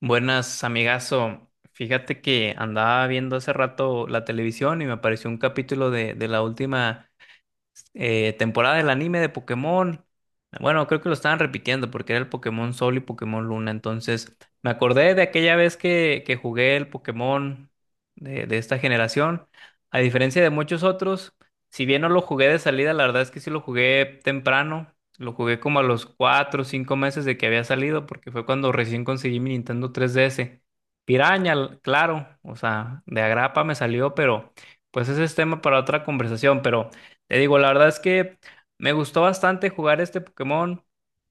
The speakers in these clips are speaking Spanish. Buenas, amigazo. Fíjate que andaba viendo hace rato la televisión y me apareció un capítulo de la última temporada del anime de Pokémon. Bueno, creo que lo estaban repitiendo porque era el Pokémon Sol y Pokémon Luna. Entonces, me acordé de aquella vez que jugué el Pokémon de esta generación. A diferencia de muchos otros, si bien no lo jugué de salida, la verdad es que sí lo jugué temprano. Lo jugué como a los 4 o 5 meses de que había salido porque fue cuando recién conseguí mi Nintendo 3DS. Piraña, claro, o sea, de agrapa me salió, pero pues ese es tema para otra conversación, pero... Te digo, la verdad es que me gustó bastante jugar este Pokémon.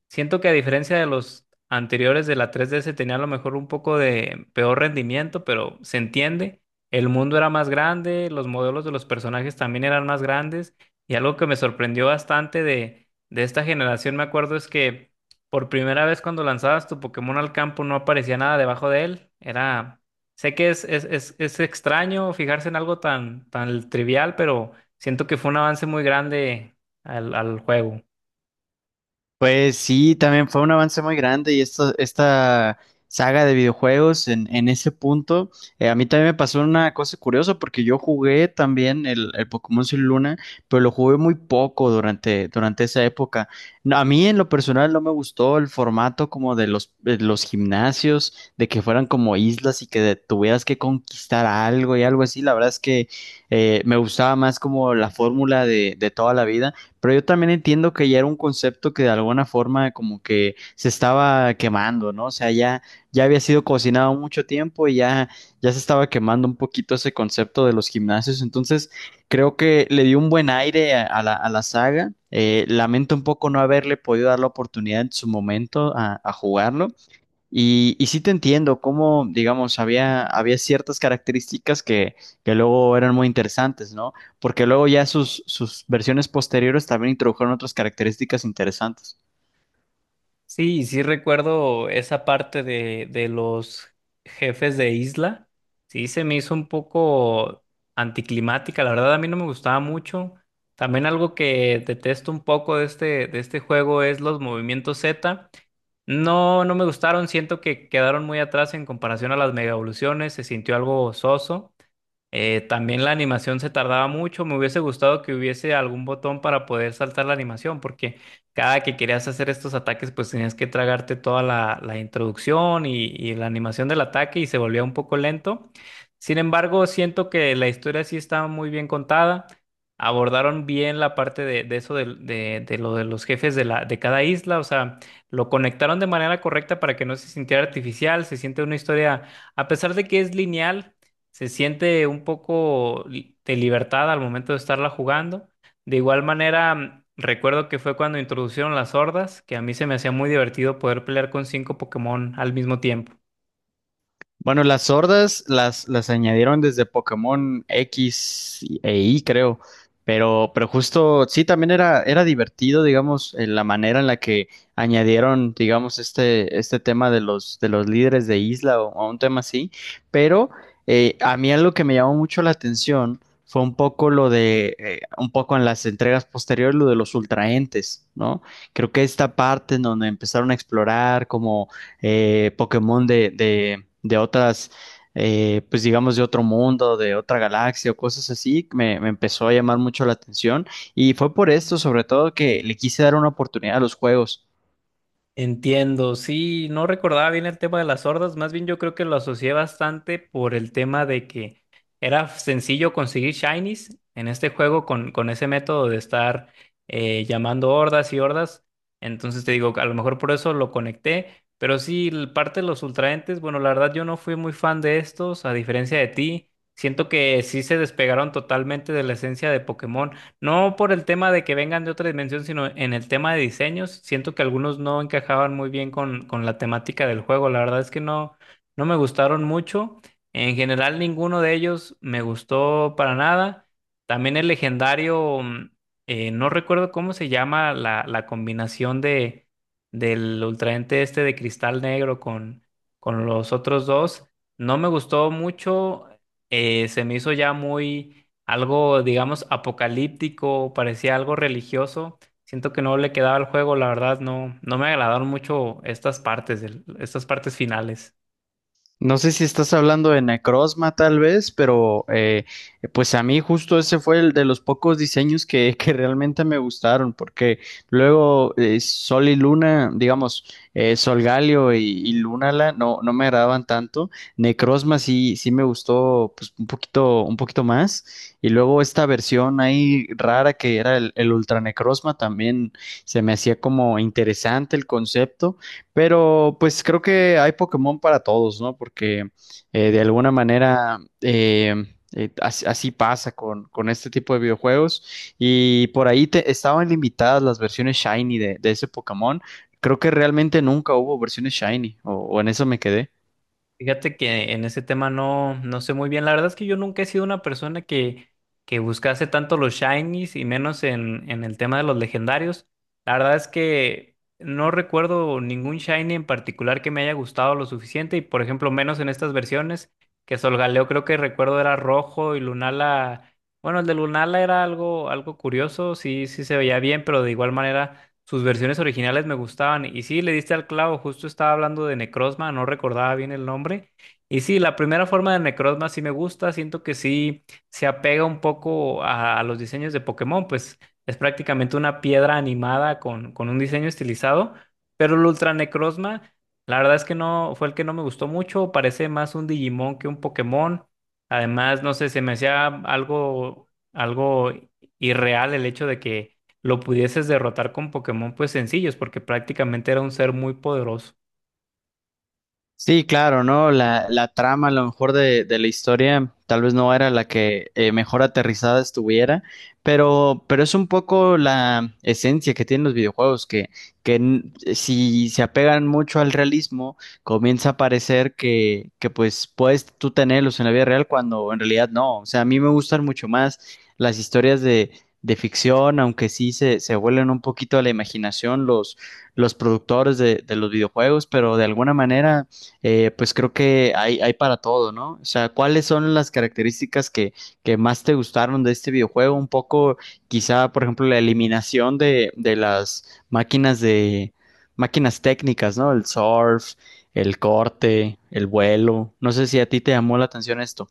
Siento que a diferencia de los anteriores de la 3DS tenía a lo mejor un poco de peor rendimiento, pero se entiende. El mundo era más grande, los modelos de los personajes también eran más grandes y algo que me sorprendió bastante de esta generación, me acuerdo, es que por primera vez cuando lanzabas tu Pokémon al campo no aparecía nada debajo de él. Era, sé que es extraño fijarse en algo tan trivial, pero siento que fue un avance muy grande al juego. Pues sí, también fue un avance muy grande y esta saga de videojuegos en ese punto, a mí también me pasó una cosa curiosa porque yo jugué también el Pokémon Sol y Luna, pero lo jugué muy poco durante esa época. No, a mí en lo personal no me gustó el formato como de de los gimnasios, de que fueran como islas y que tuvieras que conquistar algo y algo así. La verdad es que me gustaba más como la fórmula de toda la vida. Pero yo también entiendo que ya era un concepto que de alguna forma como que se estaba quemando, ¿no? O sea, ya, ya había sido cocinado mucho tiempo y ya, ya se estaba quemando un poquito ese concepto de los gimnasios. Entonces, creo que le dio un buen aire a la saga. Lamento un poco no haberle podido dar la oportunidad en su momento a jugarlo. Y sí te entiendo, cómo, digamos, había ciertas características que luego eran muy interesantes, ¿no? Porque luego ya sus versiones posteriores también introdujeron otras características interesantes. Sí, sí recuerdo esa parte de los jefes de isla. Sí, se me hizo un poco anticlimática. La verdad, a mí no me gustaba mucho. También algo que detesto un poco de este juego es los movimientos Z. No, no me gustaron. Siento que quedaron muy atrás en comparación a las mega evoluciones. Se sintió algo soso. También la animación se tardaba mucho, me hubiese gustado que hubiese algún botón para poder saltar la animación, porque cada que querías hacer estos ataques, pues tenías que tragarte toda la introducción y la animación del ataque y se volvía un poco lento. Sin embargo, siento que la historia sí está muy bien contada, abordaron bien la parte de eso de lo de los jefes de, la, de cada isla, o sea, lo conectaron de manera correcta para que no se sintiera artificial, se siente una historia, a pesar de que es lineal se siente un poco de libertad al momento de estarla jugando. De igual manera, recuerdo que fue cuando introducieron las hordas, que a mí se me hacía muy divertido poder pelear con cinco Pokémon al mismo tiempo. Bueno, las sordas las añadieron desde e Y, creo. Pero justo, sí, también era divertido, digamos, en la manera en la que añadieron, digamos, este tema de de los líderes de isla o un tema así. Pero a mí algo que me llamó mucho la atención fue un poco lo de, un poco en las entregas posteriores, lo de los ultraentes, ¿no? Creo que esta parte en donde empezaron a explorar como Pokémon de otras, pues digamos de otro mundo, de otra galaxia o cosas así, que me empezó a llamar mucho la atención y fue por esto sobre todo que le quise dar una oportunidad a los juegos. Entiendo, sí, no recordaba bien el tema de las hordas, más bien yo creo que lo asocié bastante por el tema de que era sencillo conseguir shinies en este juego con ese método de estar llamando hordas y hordas, entonces te digo, a lo mejor por eso lo conecté, pero sí, parte de los ultraentes, bueno, la verdad yo no fui muy fan de estos, a diferencia de ti, siento que sí se despegaron totalmente de la esencia de Pokémon. No por el tema de que vengan de otra dimensión, sino en el tema de diseños. Siento que algunos no encajaban muy bien con la temática del juego. La verdad es que no, no me gustaron mucho. En general, ninguno de ellos me gustó para nada. También el legendario, no recuerdo cómo se llama la, la combinación de, del ultraente este de cristal negro con los otros dos. No me gustó mucho. Se me hizo ya muy algo, digamos, apocalíptico, parecía algo religioso. Siento que no le quedaba al juego, la verdad, no, no me agradaron mucho estas partes, estas partes finales. No sé si estás hablando de Necrozma tal vez, pero pues a mí justo ese fue el de los pocos diseños que realmente me gustaron, porque luego Sol y Luna, digamos, Sol Galio y Lunala no, no me agradaban tanto. Necrozma sí, sí me gustó pues un poquito más. Y luego esta versión ahí rara que era el Ultra Necrozma también se me hacía como interesante el concepto. Pero pues creo que hay Pokémon para todos, ¿no? Porque de alguna manera así, así pasa con este tipo de videojuegos. Y por ahí te, estaban limitadas las versiones Shiny de ese Pokémon. Creo que realmente nunca hubo versiones Shiny, o en eso me quedé. Fíjate que en ese tema no, no sé muy bien. La verdad es que yo nunca he sido una persona que buscase tanto los shinies y menos en el tema de los legendarios. La verdad es que no recuerdo ningún shiny en particular que me haya gustado lo suficiente y, por ejemplo, menos en estas versiones, que Solgaleo creo que recuerdo era rojo y Lunala, bueno, el de Lunala era algo, algo curioso, sí, sí se veía bien, pero de igual manera... Sus versiones originales me gustaban. Y sí, le diste al clavo, justo estaba hablando de Necrozma, no recordaba bien el nombre. Y sí, la primera forma de Necrozma sí me gusta, siento que sí se apega un poco a los diseños de Pokémon, pues es prácticamente una piedra animada con un diseño estilizado, pero el Ultra Necrozma, la verdad es que no, fue el que no me gustó mucho, parece más un Digimon que un Pokémon. Además, no sé, se me hacía algo, algo irreal el hecho de que lo pudieses derrotar con Pokémon pues sencillos, porque prácticamente era un ser muy poderoso. Sí, claro, ¿no? La trama, a lo mejor de la historia, tal vez no era la que mejor aterrizada estuviera, pero es un poco la esencia que tienen los videojuegos, que n- si se apegan mucho al realismo, comienza a parecer que pues puedes tú tenerlos en la vida real cuando en realidad no. O sea, a mí me gustan mucho más las historias de ficción, aunque sí se vuelven un poquito a la imaginación los productores de los videojuegos, pero de alguna manera pues creo que hay para todo, ¿no? O sea, ¿cuáles son las características que más te gustaron de este videojuego? Un poco, quizá, por ejemplo, la eliminación de las máquinas de máquinas técnicas, ¿no? El surf, el corte, el vuelo. No sé si a ti te llamó la atención esto.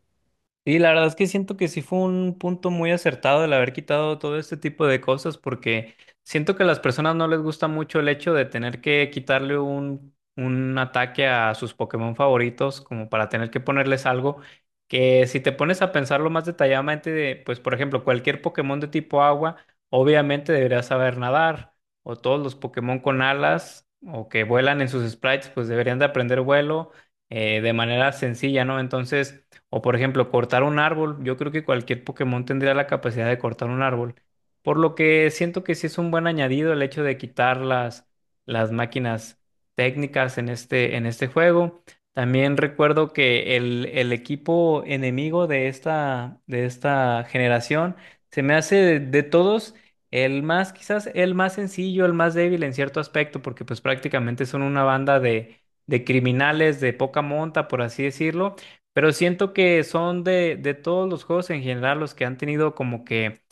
Y la verdad es que siento que sí fue un punto muy acertado el haber quitado todo este tipo de cosas, porque siento que a las personas no les gusta mucho el hecho de tener que quitarle un ataque a sus Pokémon favoritos, como para tener que ponerles algo que si te pones a pensarlo más detalladamente, de, pues por ejemplo, cualquier Pokémon de tipo agua, obviamente debería saber nadar, o todos los Pokémon con alas o que vuelan en sus sprites, pues deberían de aprender vuelo de manera sencilla, ¿no? Entonces... O por ejemplo, cortar un árbol. Yo creo que cualquier Pokémon tendría la capacidad de cortar un árbol. Por lo que siento que sí es un buen añadido el hecho de quitar las máquinas técnicas en este juego. También recuerdo que el equipo enemigo de esta generación se me hace de todos el más, quizás el más sencillo, el más débil en cierto aspecto, porque pues prácticamente son una banda de criminales de poca monta, por así decirlo, pero siento que son de todos los juegos en general los que han tenido como que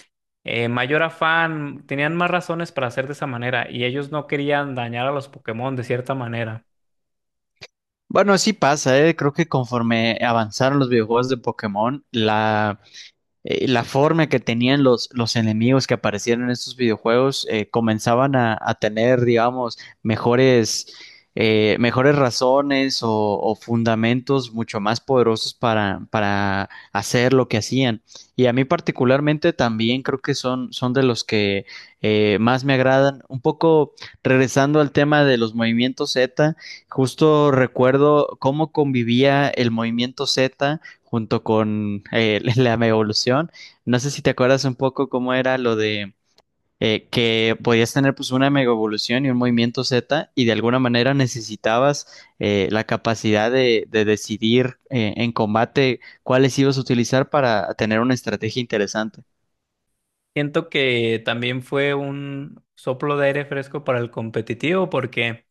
mayor afán, tenían más razones para hacer de esa manera y ellos no querían dañar a los Pokémon de cierta manera. Bueno, sí pasa, ¿eh? Creo que conforme avanzaron los videojuegos de Pokémon, la forma que tenían los enemigos que aparecieron en estos videojuegos comenzaban a tener, digamos, mejores, mejores razones o fundamentos mucho más poderosos para hacer lo que hacían. Y a mí particularmente también creo que son, son de los que más me agradan. Un poco regresando al tema de los movimientos Z, justo recuerdo cómo convivía el movimiento Z junto con la megaevolución. No sé si te acuerdas un poco cómo era lo de que podías tener pues una megaevolución y un movimiento Z y de alguna manera necesitabas la capacidad de decidir en combate cuáles ibas a utilizar para tener una estrategia interesante. Siento que también fue un soplo de aire fresco para el competitivo porque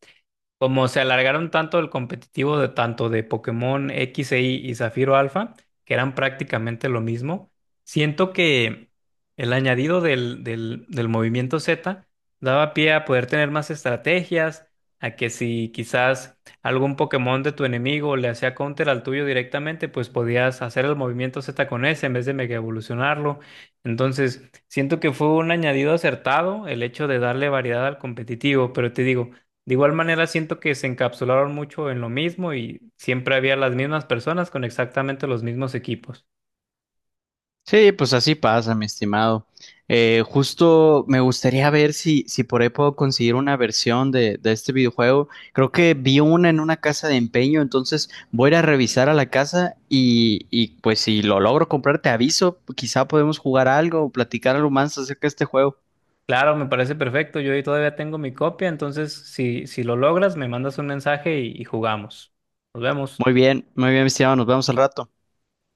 como se alargaron tanto el competitivo de tanto de Pokémon X e Y y Zafiro Alfa, que eran prácticamente lo mismo, siento que el añadido del movimiento Z daba pie a poder tener más estrategias, a que si quizás algún Pokémon de tu enemigo le hacía counter al tuyo directamente, pues podías hacer el movimiento Z con ese en vez de mega evolucionarlo. Entonces, siento que fue un añadido acertado el hecho de darle variedad al competitivo, pero te digo, de igual manera, siento que se encapsularon mucho en lo mismo y siempre había las mismas personas con exactamente los mismos equipos. Sí, pues así pasa, mi estimado. Justo me gustaría ver si, si por ahí puedo conseguir una versión de este videojuego. Creo que vi una en una casa de empeño, entonces voy a ir a revisar a la casa y pues si lo logro comprar, te aviso. Quizá podemos jugar algo o platicar algo más acerca de este juego. Claro, me parece perfecto. Yo ahí todavía tengo mi copia, entonces si lo logras, me mandas un mensaje y jugamos. Nos vemos. Muy bien, mi estimado. Nos vemos al rato.